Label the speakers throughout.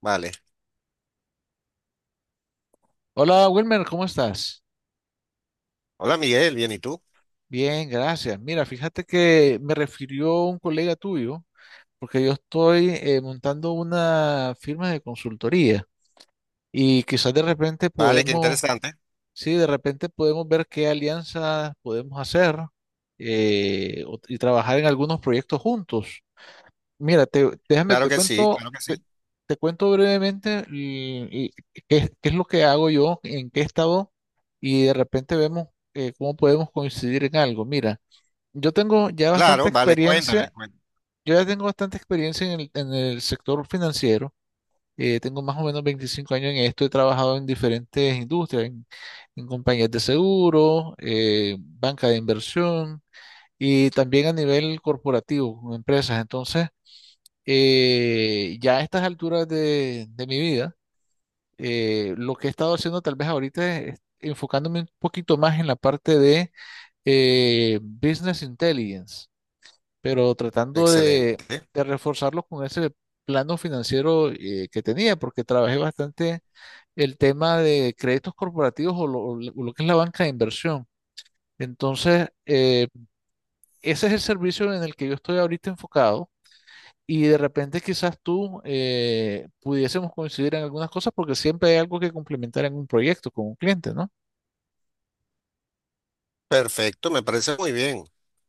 Speaker 1: Vale.
Speaker 2: Hola Wilmer, ¿cómo estás?
Speaker 1: Hola Miguel, bien, ¿y tú?
Speaker 2: Bien, gracias. Mira, fíjate que me refirió un colega tuyo, porque yo estoy montando una firma de consultoría y quizás de repente
Speaker 1: Vale, qué interesante.
Speaker 2: de repente podemos ver qué alianzas podemos hacer y trabajar en algunos proyectos juntos. Mira, déjame,
Speaker 1: Claro que sí, claro que sí.
Speaker 2: te cuento brevemente y qué es lo que hago yo, en qué estado, y de repente vemos cómo podemos coincidir en algo. Mira, yo tengo ya bastante
Speaker 1: Claro, vale, cuéntame,
Speaker 2: experiencia,
Speaker 1: cuéntame.
Speaker 2: yo ya tengo bastante experiencia en el sector financiero. Eh, tengo más o menos 25 años en esto. He trabajado en diferentes en compañías de seguro, banca de inversión y también a nivel corporativo, con empresas. Entonces, ya a estas de mi vida, lo que he estado haciendo tal vez ahorita es enfocándome un poquito más en la parte de business intelligence, pero tratando
Speaker 1: Excelente.
Speaker 2: de reforzarlo con ese plano financiero que tenía, porque trabajé bastante el tema de créditos corporativos o lo que es la banca de inversión. Entonces, ese es el servicio en el que yo estoy ahorita enfocado. Y de repente quizás tú pudiésemos coincidir en algunas cosas porque siempre hay algo que complementar en un proyecto con un cliente, ¿no?
Speaker 1: Perfecto, me parece muy bien.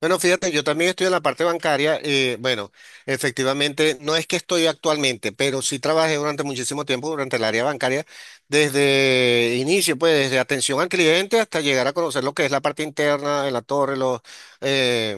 Speaker 1: Bueno, fíjate, yo también estoy en la parte bancaria. Bueno, efectivamente, no es que estoy actualmente, pero sí trabajé durante muchísimo tiempo durante el área bancaria, desde inicio, pues desde atención al cliente hasta llegar a conocer lo que es la parte interna de la torre, eh,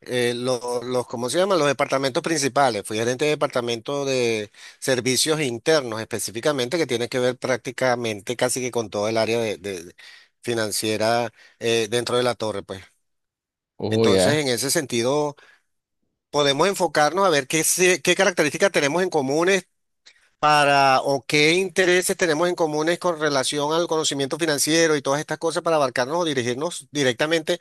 Speaker 1: los, ¿cómo se llaman? Los departamentos principales. Fui gerente de departamento de servicios internos específicamente, que tiene que ver prácticamente casi que con todo el área de financiera dentro de la torre, pues.
Speaker 2: Oh,
Speaker 1: Entonces,
Speaker 2: ya.
Speaker 1: en ese sentido, podemos enfocarnos a ver qué características tenemos en común para o qué intereses tenemos en comunes con relación al conocimiento financiero y todas estas cosas para abarcarnos o dirigirnos directamente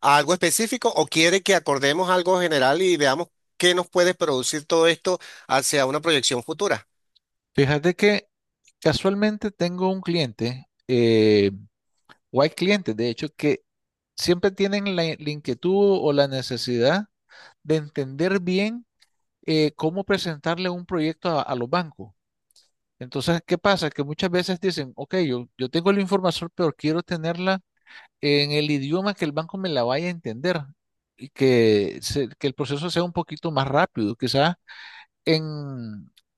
Speaker 1: a algo específico o quiere que acordemos algo general y veamos qué nos puede producir todo esto hacia una proyección futura.
Speaker 2: Fíjate que casualmente tengo un cliente, o hay clientes, de hecho, que siempre tienen la inquietud o la necesidad de entender bien cómo presentarle un proyecto a los bancos. Entonces, ¿qué pasa? Que muchas veces dicen, ok, yo tengo la información, pero quiero tenerla en el idioma que el banco me la vaya a entender y que el proceso sea un poquito más rápido. Quizás en,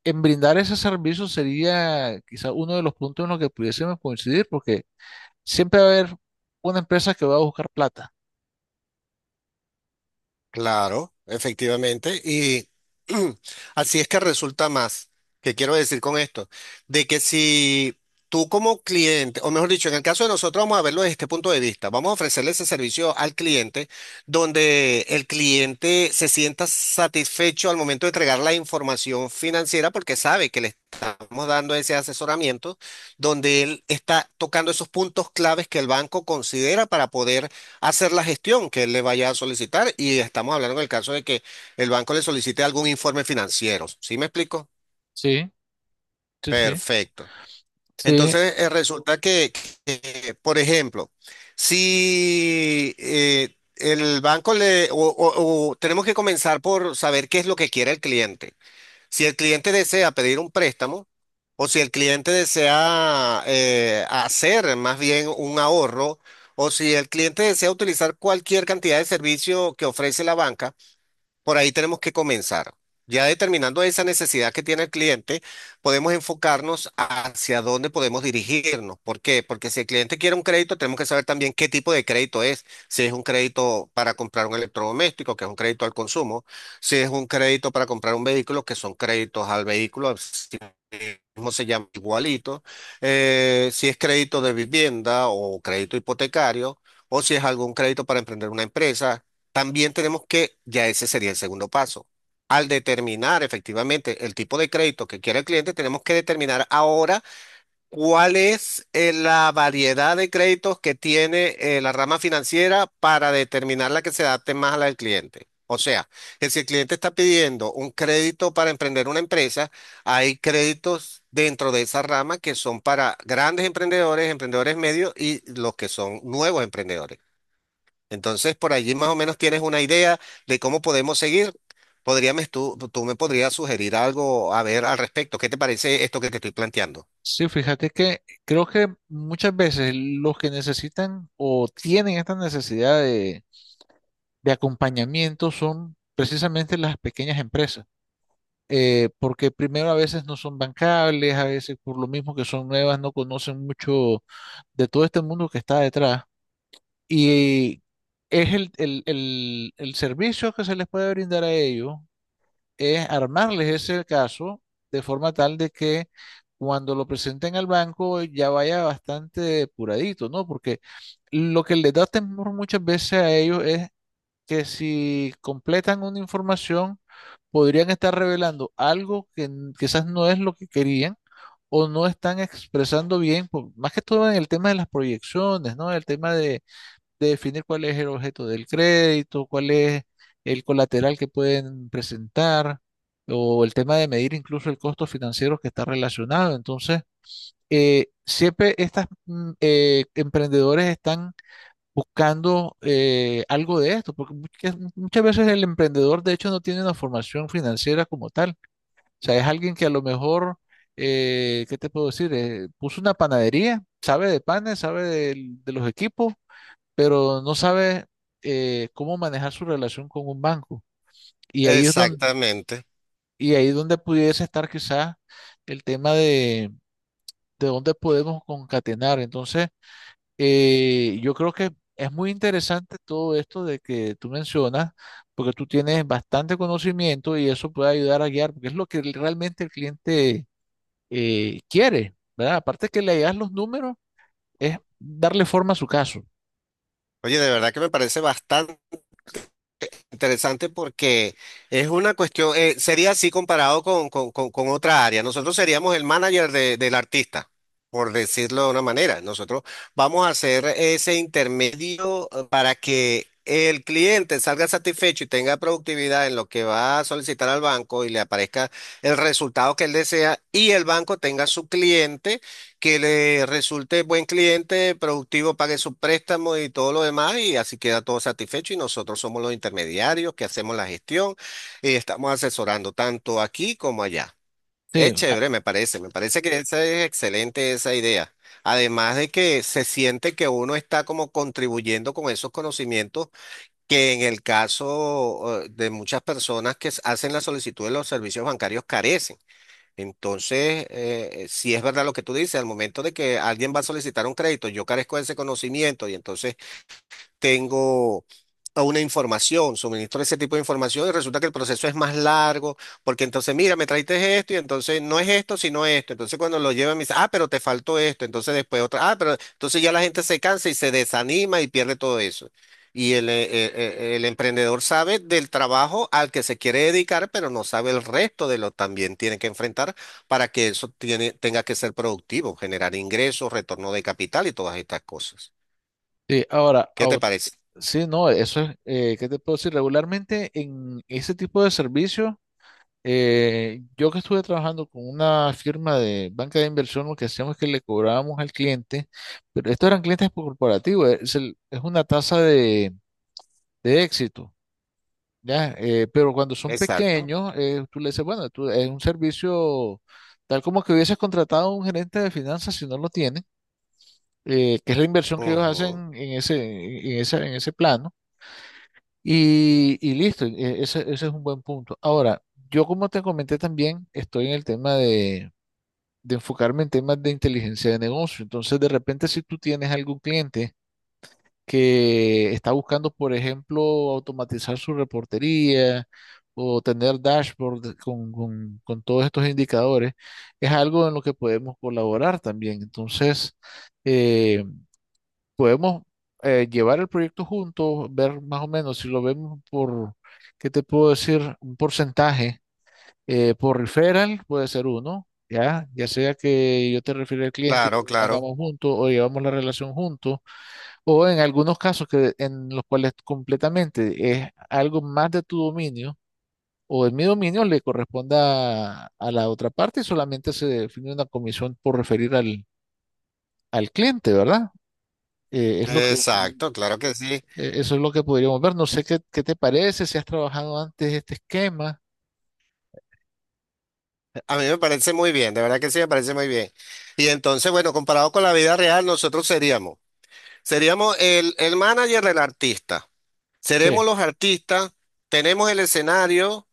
Speaker 2: en brindar ese servicio sería quizás uno de los puntos en los que pudiésemos coincidir, porque siempre va a haber una empresa que va a buscar plata.
Speaker 1: Claro, efectivamente. Y así es que resulta más, que quiero decir con esto, de que si tú como cliente, o mejor dicho, en el caso de nosotros vamos a verlo desde este punto de vista, vamos a ofrecerle ese servicio al cliente donde el cliente se sienta satisfecho al momento de entregar la información financiera porque sabe que le estamos dando ese asesoramiento donde él está tocando esos puntos claves que el banco considera para poder hacer la gestión que él le vaya a solicitar y estamos hablando en el caso de que el banco le solicite algún informe financiero. ¿Sí me explico?
Speaker 2: Sí, sí, sí.
Speaker 1: Perfecto.
Speaker 2: Sí,
Speaker 1: Entonces, resulta que, por ejemplo, si el banco le, o tenemos que comenzar por saber qué es lo que quiere el cliente. Si el cliente desea pedir un préstamo o si el cliente desea hacer más bien un ahorro o si el cliente desea utilizar cualquier cantidad de servicio que ofrece la banca, por ahí tenemos que comenzar. Ya determinando esa necesidad que tiene el cliente, podemos enfocarnos hacia dónde podemos dirigirnos. ¿Por qué? Porque si el cliente quiere un crédito, tenemos que saber también qué tipo de crédito es. Si es un crédito para comprar un electrodoméstico, que es un crédito al consumo. Si es un crédito para comprar un vehículo, que son créditos al vehículo, mismo se llama igualito, si es crédito de vivienda o crédito hipotecario o si es algún crédito para emprender una empresa, también tenemos que, ya ese sería el segundo paso. Al determinar efectivamente el tipo de crédito que quiere el cliente, tenemos que determinar ahora ¿cuál es la variedad de créditos que tiene la rama financiera para determinar la que se adapte más a la del cliente? O sea, que si el cliente está pidiendo un crédito para emprender una empresa, hay créditos dentro de esa rama que son para grandes emprendedores, emprendedores medios y los que son nuevos emprendedores. Entonces, por allí más o menos tienes una idea de cómo podemos seguir. Tú me podrías sugerir algo a ver al respecto. ¿Qué te parece esto que te estoy planteando?
Speaker 2: sí, fíjate que creo que muchas veces los que necesitan o tienen esta necesidad de acompañamiento son precisamente las pequeñas empresas, porque primero a veces no son bancables, a veces por lo mismo que son nuevas, no conocen mucho de todo este mundo que está detrás. Y es el servicio que se les puede brindar a ellos, es armarles ese caso de forma tal de que cuando lo presenten al banco ya vaya bastante depuradito, ¿no? Porque lo que les da temor muchas veces a ellos es que si completan una información, podrían estar revelando algo quizás no es lo que querían o no están expresando bien, más que todo en el tema de las proyecciones, ¿no? El tema de definir cuál es el objeto del crédito, cuál es el colateral que pueden presentar, o el tema de medir incluso el costo financiero que está relacionado. Entonces, siempre estas emprendedores están buscando algo de esto, porque muchas veces el emprendedor de hecho no tiene una formación financiera como tal. O sea, es alguien que a lo mejor, ¿qué te puedo decir? Puso una panadería, sabe de panes, sabe los equipos, pero no sabe cómo manejar su relación con un banco. Y ahí es donde,
Speaker 1: Exactamente.
Speaker 2: y ahí es donde pudiese estar quizás el tema de dónde podemos concatenar. Entonces, yo creo que es muy interesante todo esto de que tú mencionas, porque tú tienes bastante conocimiento y eso puede ayudar a guiar, porque es lo que realmente el cliente quiere, ¿verdad? Aparte que le das los números, es darle forma a su caso.
Speaker 1: Oye, de verdad que me parece bastante interesante porque es una cuestión, sería así comparado con otra área. Nosotros seríamos el manager del artista, por decirlo de una manera. Nosotros vamos a hacer ese intermedio para que el cliente salga satisfecho y tenga productividad en lo que va a solicitar al banco y le aparezca el resultado que él desea y el banco tenga su cliente, que le resulte buen cliente, productivo, pague sus préstamos y todo lo demás, y así queda todo satisfecho. Y nosotros somos los intermediarios que hacemos la gestión y estamos asesorando tanto aquí como allá.
Speaker 2: Sí,
Speaker 1: Es
Speaker 2: a-
Speaker 1: chévere, me parece que esa es excelente esa idea. Además de que se siente que uno está como contribuyendo con esos conocimientos que en el caso de muchas personas que s- hacen la solicitud de los servicios bancarios carecen. Entonces, si es verdad lo que tú dices, al momento de que alguien va a solicitar un crédito, yo carezco de ese conocimiento y entonces tengo a una información, suministro ese tipo de información y resulta que el proceso es más largo, porque entonces, mira, me traiste esto y entonces no es esto, sino esto. Entonces cuando lo llevan me dice, ah, pero te faltó esto, entonces después otra, ah, pero entonces ya la gente se cansa y se desanima y pierde todo eso. Y el emprendedor sabe del trabajo al que se quiere dedicar, pero no sabe el resto de lo también tiene que enfrentar para que eso tenga que ser productivo, generar ingresos, retorno de capital y todas estas cosas.
Speaker 2: sí,
Speaker 1: ¿Qué te parece?
Speaker 2: sí, no, eso es, ¿qué te puedo decir? Regularmente en ese tipo de servicios. Yo que estuve trabajando con una firma de banca de inversión, lo que hacíamos es que le cobrábamos al cliente, pero estos eran clientes corporativos, es una tasa de éxito, ¿ya? Pero cuando son
Speaker 1: Exacto.
Speaker 2: pequeños, tú le dices, bueno, tú, es un servicio tal como que hubieses contratado a un gerente de finanzas si no lo tiene, que es la inversión que ellos
Speaker 1: Ujú.
Speaker 2: hacen en en ese plano, y listo. Ese es un buen punto. Ahora, yo como te comenté también, estoy en el tema de enfocarme en temas de inteligencia de negocio. Entonces, de repente, si tú tienes algún cliente que está buscando, por ejemplo, automatizar su reportería o tener dashboard con todos estos indicadores, es algo en lo que podemos colaborar también. Entonces, eh, podemos llevar el proyecto juntos, ver más o menos si lo vemos ¿qué te puedo decir? Un porcentaje por referral puede ser uno, ¿ya? Ya sea que yo te refiero al cliente,
Speaker 1: Claro, claro.
Speaker 2: mandamos juntos o llevamos la relación juntos, o en algunos casos que en los cuales completamente es algo más de tu dominio o de mi dominio le corresponda a la otra parte y solamente se define una comisión por referir al cliente, ¿verdad? Eh, es lo que, eh,
Speaker 1: Exacto, claro que sí.
Speaker 2: eso es lo que podríamos ver. No sé qué te parece, si has trabajado antes este esquema.
Speaker 1: A mí me parece muy bien, de verdad que sí me parece muy bien. Y entonces, bueno, comparado con la vida real, seríamos el manager del artista.
Speaker 2: Sí.
Speaker 1: Seremos los artistas, tenemos el escenario,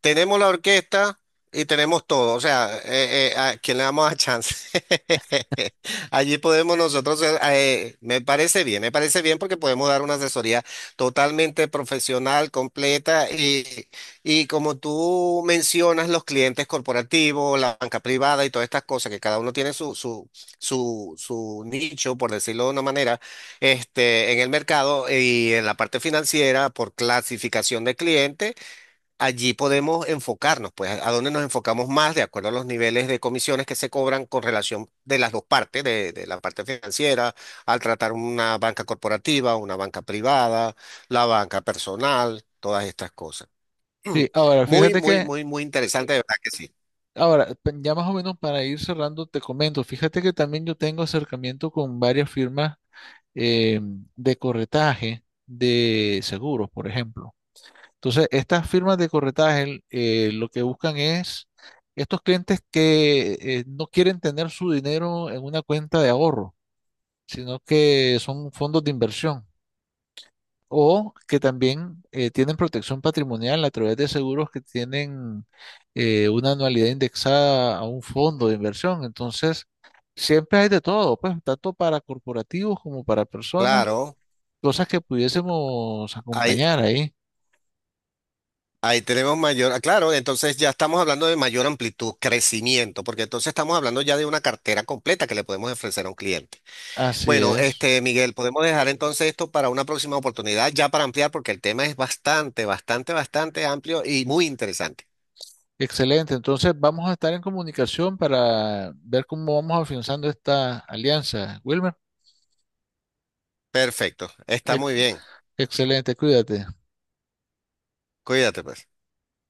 Speaker 1: tenemos la orquesta y tenemos todo. O sea, ¿a quién le damos a chance? Allí podemos nosotros, me parece bien porque podemos dar una asesoría totalmente profesional, completa y como tú mencionas, los clientes corporativos, la banca privada y todas estas cosas, que cada uno tiene su nicho, por decirlo de una manera, este, en el mercado y en la parte financiera por clasificación de clientes allí podemos enfocarnos, pues a dónde nos enfocamos más de acuerdo a los niveles de comisiones que se cobran con relación de las dos partes, de la parte financiera, al tratar una banca corporativa, una banca privada, la banca personal, todas estas cosas.
Speaker 2: Sí, ahora
Speaker 1: Muy,
Speaker 2: fíjate
Speaker 1: muy,
Speaker 2: que
Speaker 1: muy, muy interesante, de verdad que sí.
Speaker 2: ahora, ya más o menos para ir cerrando, te comento, fíjate que también yo tengo acercamiento con varias firmas eh, de corretaje de seguros, por ejemplo. Entonces, estas firmas de corretaje lo que buscan es estos clientes que no quieren tener su dinero en una cuenta de ahorro, sino que son fondos de inversión o que también tienen protección patrimonial a través de seguros que tienen una anualidad indexada a un fondo de inversión. Entonces, siempre hay de todo, pues, tanto para corporativos como para personas,
Speaker 1: Claro,
Speaker 2: cosas que pudiésemos
Speaker 1: ahí,
Speaker 2: acompañar ahí.
Speaker 1: ahí tenemos mayor, ah, claro, entonces ya estamos hablando de mayor amplitud, crecimiento, porque entonces estamos hablando ya de una cartera completa que le podemos ofrecer a un cliente.
Speaker 2: Así
Speaker 1: Bueno,
Speaker 2: es.
Speaker 1: este, Miguel, podemos dejar entonces esto para una próxima oportunidad, ya para ampliar, porque el tema es bastante, bastante, bastante amplio y muy interesante.
Speaker 2: Excelente. Entonces, vamos a estar en comunicación para ver cómo vamos afianzando esta alianza. Wilmer,
Speaker 1: Perfecto, está
Speaker 2: ex-
Speaker 1: muy bien.
Speaker 2: excelente, cuídate.
Speaker 1: Cuídate, pues.